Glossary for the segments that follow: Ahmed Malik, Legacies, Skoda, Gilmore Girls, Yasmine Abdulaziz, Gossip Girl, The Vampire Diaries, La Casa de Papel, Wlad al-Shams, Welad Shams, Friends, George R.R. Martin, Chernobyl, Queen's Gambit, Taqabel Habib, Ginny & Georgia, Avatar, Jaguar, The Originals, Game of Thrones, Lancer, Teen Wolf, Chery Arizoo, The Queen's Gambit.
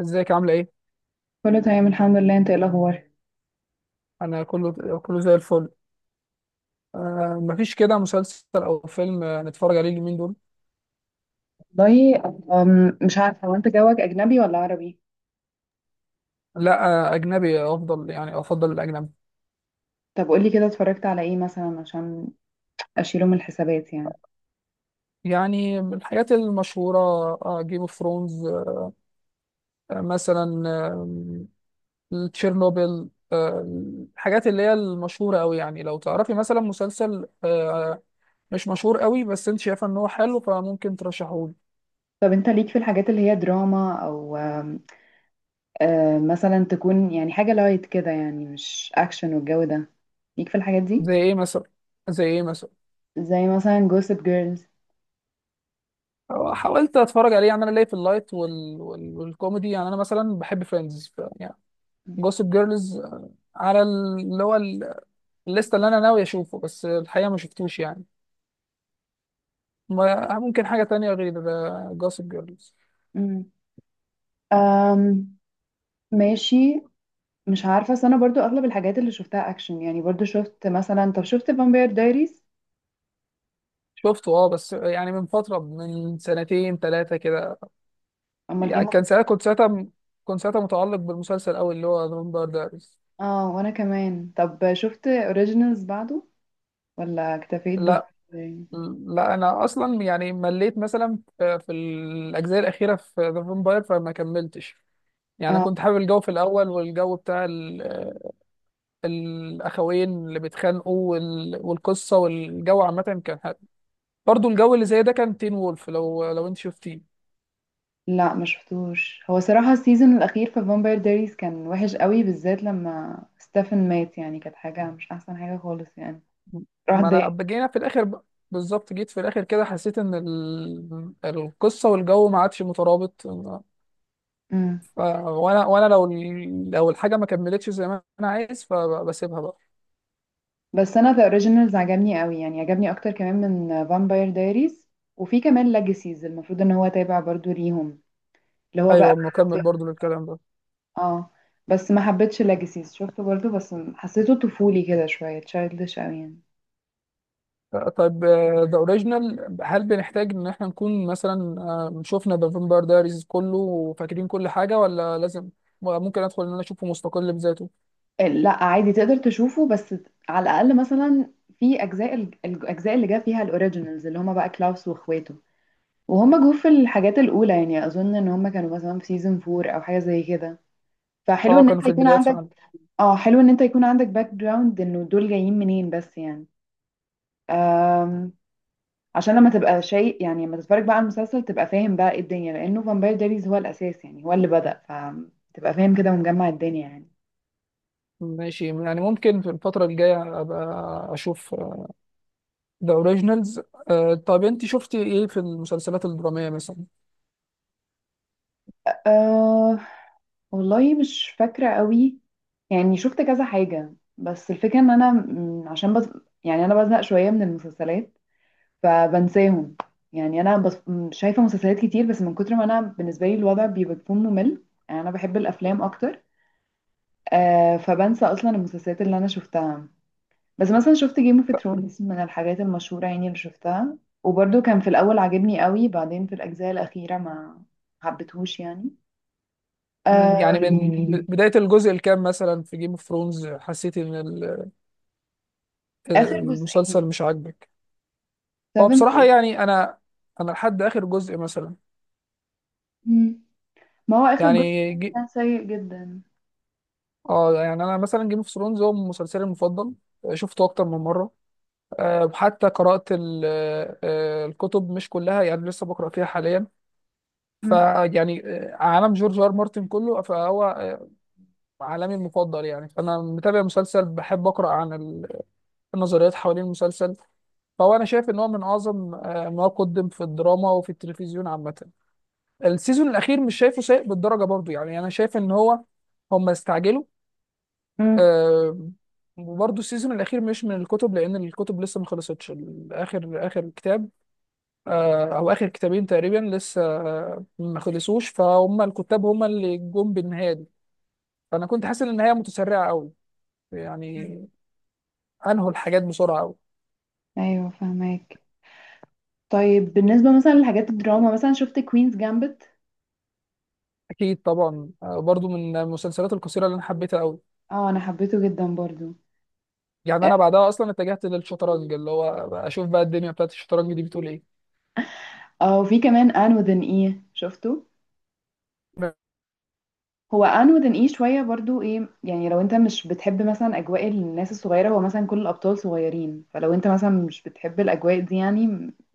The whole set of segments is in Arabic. ازيك عاملة ايه؟ كله تمام الحمد لله، انت ايه الاخبار؟ انا كله كله زي الفل. مفيش كده مسلسل او فيلم نتفرج عليه اليومين دول. والله مش عارفه هو انت جوك اجنبي ولا عربي؟ لا. اجنبي افضل، يعني افضل الاجنبي. طب قولي كده اتفرجت على ايه مثلا عشان اشيله من الحسابات يعني. يعني من الحاجات المشهورة، جيم اوف ثرونز، مثلا، تشيرنوبل الحاجات اللي هي المشهورة قوي. يعني لو تعرفي مثلا مسلسل مش مشهور قوي بس انت شايفة ان هو حلو، فممكن ترشحه لي. طب انت ليك في الحاجات اللي هي دراما او أم، آه، مثلا تكون يعني حاجه لايت كده، يعني مش اكشن والجو ده، ليك في الحاجات دي؟ زي ايه مثلا زي ايه مثلا؟ زي مثلا جوسب جيرلز. حاولت اتفرج عليه. يعني انا ليا في اللايت والكوميدي. يعني انا مثلا بحب فريندز يعني. جوسب جيرلز. على الليسته اللي انا ناوي اشوفه بس الحقيقه ما شفتوش. يعني ممكن حاجه تانية غير جوسب جيرلز. مم. أم ماشي. مش عارفه، بس انا برضو اغلب الحاجات اللي شفتها اكشن، يعني برضو شفت مثلا، طب شفت فامباير دايريز؟ شفته، اه، بس يعني من فتره، من سنتين ثلاثه كده. اما يعني الجيم. كان ساعتها كنت ساعتها م- كنت ساعتها متعلق بالمسلسل قوي، اللي هو فامباير دايريز. اه وانا كمان، طب شفت اوريجينالز بعده ولا اكتفيت لا، بفامباير؟ لا، انا اصلا يعني مليت مثلا في الاجزاء الاخيره في ذا فامباير، فما كملتش. يعني أنا اه كنت حابب الجو في الأول، والجو بتاع الأخوين اللي بيتخانقوا والقصة والجو عامة كان حلو. برضو الجو اللي زي ده كان تين وولف، لو أنت شفتيه. لا ما شفتوش، هو صراحة السيزون الاخير في فامباير دايريز كان وحش قوي، بالذات لما ستيفن مات، يعني كانت حاجة مش احسن حاجة خالص يعني، راح ما ضايق. أنا جينا في الآخر بقى- بالظبط، جيت في الآخر كده حسيت إن القصة والجو ما عادش مترابط. امم. وأنا لو الحاجة ما كملتش زي ما أنا عايز، فبسيبها بقى. بس انا ذا اوريجينالز عجبني قوي، يعني عجبني اكتر كمان من فامباير دايريز. وفي كمان ليجاسيز المفروض ان هو تابع برضو ليهم، اللي هو بقى. أيوه، نكمل برضو للكلام ده. اه بس ما حبيتش ليجاسيز، شفته برضو بس حسيته طفولي كده شوية، تشايلدش قوي يعني. طيب، ذا اوريجينال هل بنحتاج ان احنا نكون مثلا شفنا ذا فامباير دايريز كله وفاكرين كل حاجه، ولا لازم ممكن ادخل ان انا اشوفه مستقل بذاته؟ لا عادي تقدر تشوفه، بس على الاقل مثلا في اجزاء الاجزاء اللي جا فيها الاوريجينالز، اللي هما بقى كلاوس واخواته، وهم جو في الحاجات الاولى. يعني اظن ان هم كانوا مثلا في سيزون فور او حاجه زي كده. فحلو اه، ان انت كانوا في يكون البدايات عندك، فعلا. اه، حلو ان انت يكون عندك باك جراوند انه دول جايين منين بس يعني. أم... عشان لما تبقى شيء، يعني لما تتفرج بقى على المسلسل تبقى فاهم بقى ايه الدنيا، لانه فامباير دايريز هو الاساس يعني، هو اللي بدأ، فتبقى فاهم كده ومجمع الدنيا يعني. ماشي، يعني ممكن في الفتره الجايه ابقى اشوف ذا اوريجينالز. طيب انت شفتي ايه في المسلسلات الدراميه مثلا؟ آه، والله مش فاكرة قوي، يعني شفت كذا حاجة، بس الفكرة ان عشان بس، يعني انا بزهق شوية من المسلسلات فبنساهم. يعني انا بس شايفة مسلسلات كتير، بس من كتر ما انا، بالنسبة لي الوضع بيبقى بيكون ممل، يعني انا بحب الافلام اكتر. آه، فبنسى اصلا المسلسلات اللي انا شفتها. بس مثلا شفت جيم اوف ثرونز من الحاجات المشهورة يعني اللي شفتها، وبرده كان في الاول عاجبني قوي، بعدين في الاجزاء الاخيرة ما حبيتهوش يعني. آه يعني من بدايه الجزء الكام مثلا في جيم اوف ثرونز حسيتي ان اخر جزئين، المسلسل مش عاجبك؟ هو سفن بصراحه ايه. يعني انا لحد اخر جزء مثلا. مم. ما هو آخر جزء يعني كان جي... كان سيء جدا. اه يعني انا مثلا جيم اوف ثرونز هو مسلسلي المفضل. شفته اكتر من مره. أه، حتى قرات الكتب، مش كلها يعني، لسه بقرا فيها حاليا. مم. فيعني عالم جورج ار مارتن كله، فهو عالمي المفضل. يعني فانا متابع مسلسل، بحب اقرا عن النظريات حوالين المسلسل. فهو انا شايف ان هو من اعظم ما قدم في الدراما وفي التلفزيون عامه. السيزون الاخير مش شايفه سيء بالدرجه، برضو يعني انا شايف ان هو هم استعجلوا. مم. آه، وبرضه السيزون الأخير مش من الكتب، لأن الكتب لسه ما خلصتش. آخر آخر كتاب، أو آخر كتابين تقريبا لسه ما خلصوش، فهم الكتاب هم اللي جم بالنهاية دي. فأنا كنت حاسس إن النهاية متسرعة أوي، مم. يعني أنهوا الحاجات بسرعة أوي. أيوه فهماك. طيب بالنسبة مثلا لحاجات الدراما، مثلا شفت كوينز جامبت؟ أكيد طبعا، برضه من المسلسلات القصيرة اللي أنا حبيتها أوي. اه أنا حبيته جدا برضو. يعني أنا بعدها أصلا اتجهت للشطرنج، اللي هو أشوف بقى الدنيا بتاعت الشطرنج دي بتقول إيه. اه وفي كمان ان وذن ايه، شفته؟ هو ان وذن ايه شوية برضو ايه، يعني لو انت مش بتحب مثلا أجواء الناس الصغيرة، هو مثلا كل الأبطال صغيرين، فلو انت مثلا مش بتحب الأجواء دي يعني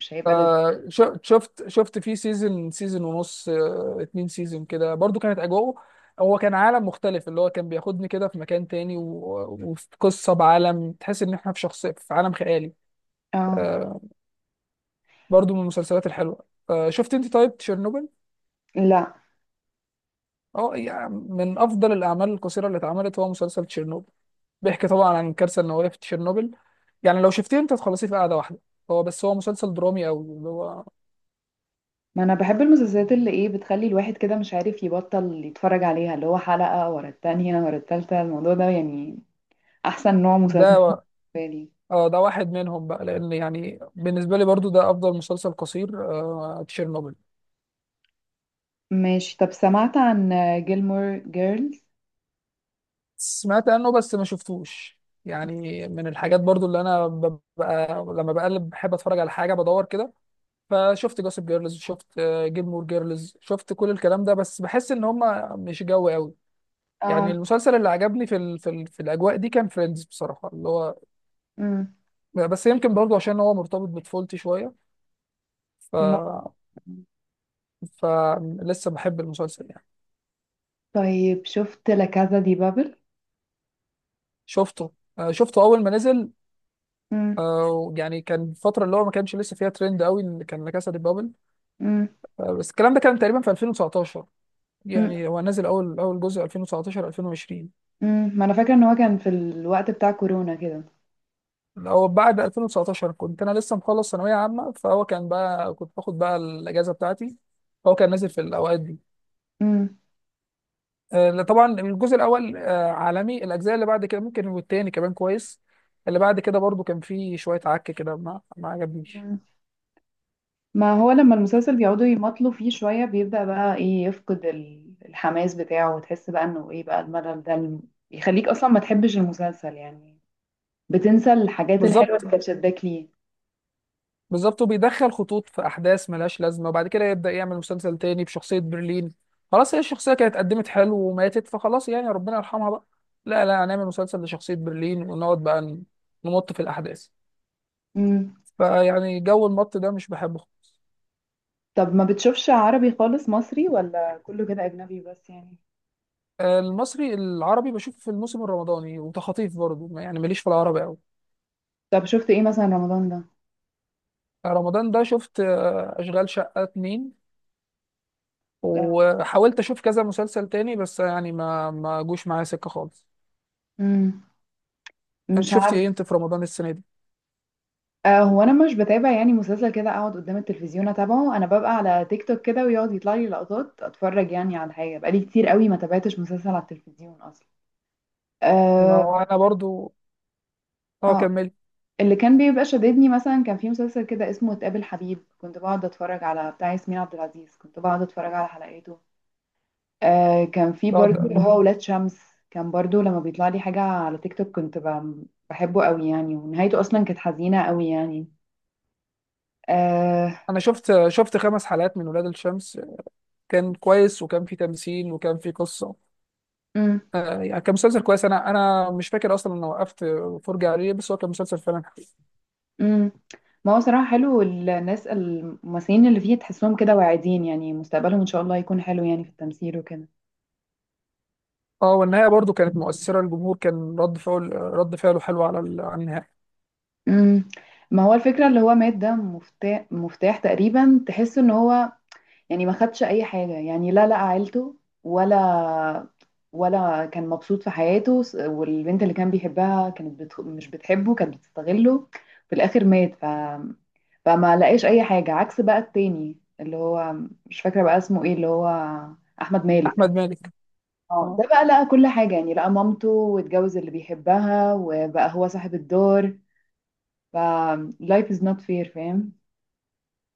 مش هيبقى لذيذ. شفت فيه سيزون ونص، اتنين سيزون كده، برضو كانت اجواءه. هو كان عالم مختلف اللي هو كان بياخدني كده في مكان تاني، وفي قصة بعالم تحس ان احنا في شخصية في عالم خيالي. اه آه، برضو من المسلسلات الحلوة. شفت انت طيب تشيرنوبل؟ لا. اه، يعني من افضل الاعمال القصيرة اللي اتعملت هو مسلسل تشيرنوبل. بيحكي طبعا عن الكارثة النووية في تشيرنوبل. يعني لو شفتيه انت هتخلصيه في قعدة واحدة. هو بس هو مسلسل درامي قوي اللي هو ما انا بحب المسلسلات اللي ايه، بتخلي الواحد كده مش عارف يبطل يتفرج عليها، اللي هو حلقة ورا التانية ورا التالتة، الموضوع ده يعني احسن نوع ده. مسلسل بالنسبة لي. اه، ده واحد منهم بقى، لان يعني بالنسبه لي برضو ده افضل مسلسل قصير، تشيرنوبل. ماشي. طب سمعت عن جيلمور جيرلز؟ سمعت عنه بس ما شفتوش. يعني من الحاجات برضو اللي انا ببقى لما بقلب بحب اتفرج على حاجه بدور كده، فشفت جوسب جيرلز، شفت جيلمور جيرلز، شفت كل الكلام ده، بس بحس ان هم مش جو قوي. يعني اه. المسلسل اللي عجبني في ال في, ال في الاجواء دي كان فريندز بصراحه اللي هو، امم. بس يمكن برضو عشان هو مرتبط بطفولتي شويه. ف ممكن. فلسه بحب المسلسل يعني. طيب شفت لا كازا دي بابل؟ شفته، شفته اول ما نزل. امم. يعني كان الفتره اللي هو ما كانش لسه فيها ترند قوي اللي كان لا كاسا دي بابل. امم. بس الكلام ده كان تقريبا في 2019، امم. يعني هو نزل اول اول جزء 2019 2020. أمم. ما انا فاكرة ان هو كان في الوقت بتاع كورونا كده. هو بعد 2019 كنت انا لسه مخلص ثانويه عامه، فهو كان بقى كنت باخد بقى الاجازه بتاعتي، فهو كان نازل في الاوقات دي. امم. طبعا الجزء الاول، عالمي، الاجزاء اللي بعد كده ممكن، والتاني كمان كويس. اللي بعد كده برضو كان فيه شويه عك كده، ما عجبنيش. ما هو لما المسلسل بيقعدوا يمطلوا فيه شوية، بيبدأ بقى ايه، يفقد الحماس بتاعه، وتحس بقى انه ايه، بقى الملل ده يخليك اصلا ما تحبش المسلسل يعني، بتنسى الحاجات الحلوة بالظبط، اللي كانت شداك ليه. بالظبط، وبيدخل خطوط في احداث ملهاش لازمه، وبعد كده يبدا يعمل مسلسل تاني بشخصيه برلين. خلاص، هي الشخصيه كانت قدمت حلو وماتت، فخلاص يعني ربنا يرحمها بقى. لا، لا، هنعمل مسلسل لشخصيه برلين ونقعد بقى نمط في الاحداث. امم. فيعني جو المط ده مش بحبه خالص. طب ما بتشوفش عربي خالص مصري، ولا كله كده اجنبي بس يعني؟ المصري العربي بشوف في الموسم الرمضاني وتخاطيف برضه، يعني ماليش في العربي قوي. طب شفت ايه مثلا رمضان ده؟ رمضان ده شفت اشغال شقه اتنين، آه. وحاولت اشوف كذا مسلسل تاني بس يعني ما جوش معايا سكه خالص. امم. انت مش شفت عارف. ايه انت في رمضان السنه دي؟ آه، هو انا مش بتابع يعني مسلسل كده اقعد قدام التلفزيون اتابعه، انا ببقى على تيك توك كده ويقعد يطلع لي لقطات، اتفرج يعني على حاجه، بقالي كتير قوي ما تابعتش مسلسل على التلفزيون اصلا. ما اه. هو انا برضو، اه، آه. كمل. اللي كان بيبقى شددني، مثلا كان في مسلسل كده اسمه تقابل حبيب، كنت بقعد اتفرج على بتاع ياسمين عبد العزيز، كنت بقعد اتفرج على حلقاته. آه كان في برضو بعد. اللي هو ولاد شمس، كان برضو لما بيطلع لي حاجة على تيك توك، كنت بحبه قوي يعني، ونهايته اصلا كانت حزينة قوي يعني. آه. انا شفت خمس حلقات من ولاد الشمس، كان كويس وكان في تمثيل وكان في قصه. أم، آه يعني كان مسلسل كويس، انا مش فاكر اصلا انا وقفت فرجه عليه، بس هو كان مسلسل فعلا حلو. أم. ما هو صراحة حلو، الناس الممثلين اللي فيه تحسهم كده واعدين، يعني مستقبلهم ان شاء الله يكون حلو يعني في التمثيل وكده. اه، والنهايه برضو كانت مؤثره، الجمهور كان رد فعله حلو على على النهايه. امم. ما هو الفكرة اللي هو مات ده مفتاح تقريبا، تحس ان هو يعني ما خدش اي حاجة، يعني لا لقى عيلته ولا، ولا كان مبسوط في حياته، والبنت اللي كان بيحبها كانت مش بتحبه، كانت بتستغله، في الاخر مات ف... فما لقاش اي حاجة، عكس بقى التاني اللي هو، مش فاكرة بقى اسمه ايه، اللي هو احمد مالك. احمد مالك. اه اه، ده بقى لقى كل حاجة، يعني لقى مامته واتجوز اللي بيحبها وبقى هو صاحب الدار. ف life is not fair، فاهم؟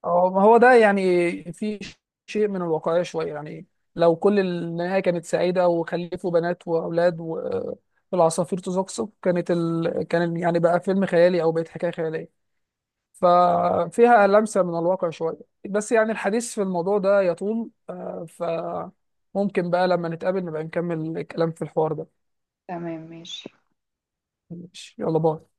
أو ما هو ده يعني في شيء من الواقعية شوية. يعني لو كل النهاية كانت سعيدة وخلفوا بنات وأولاد والعصافير تزقزق، كانت كان يعني بقى فيلم خيالي، أو بقت حكاية خيالية. ففيها لمسة من الواقع شوية. بس يعني الحديث في الموضوع ده يطول، فممكن بقى لما نتقابل نبقى نكمل الكلام في الحوار ده. تمام ماشي. ماشي، يلا باي.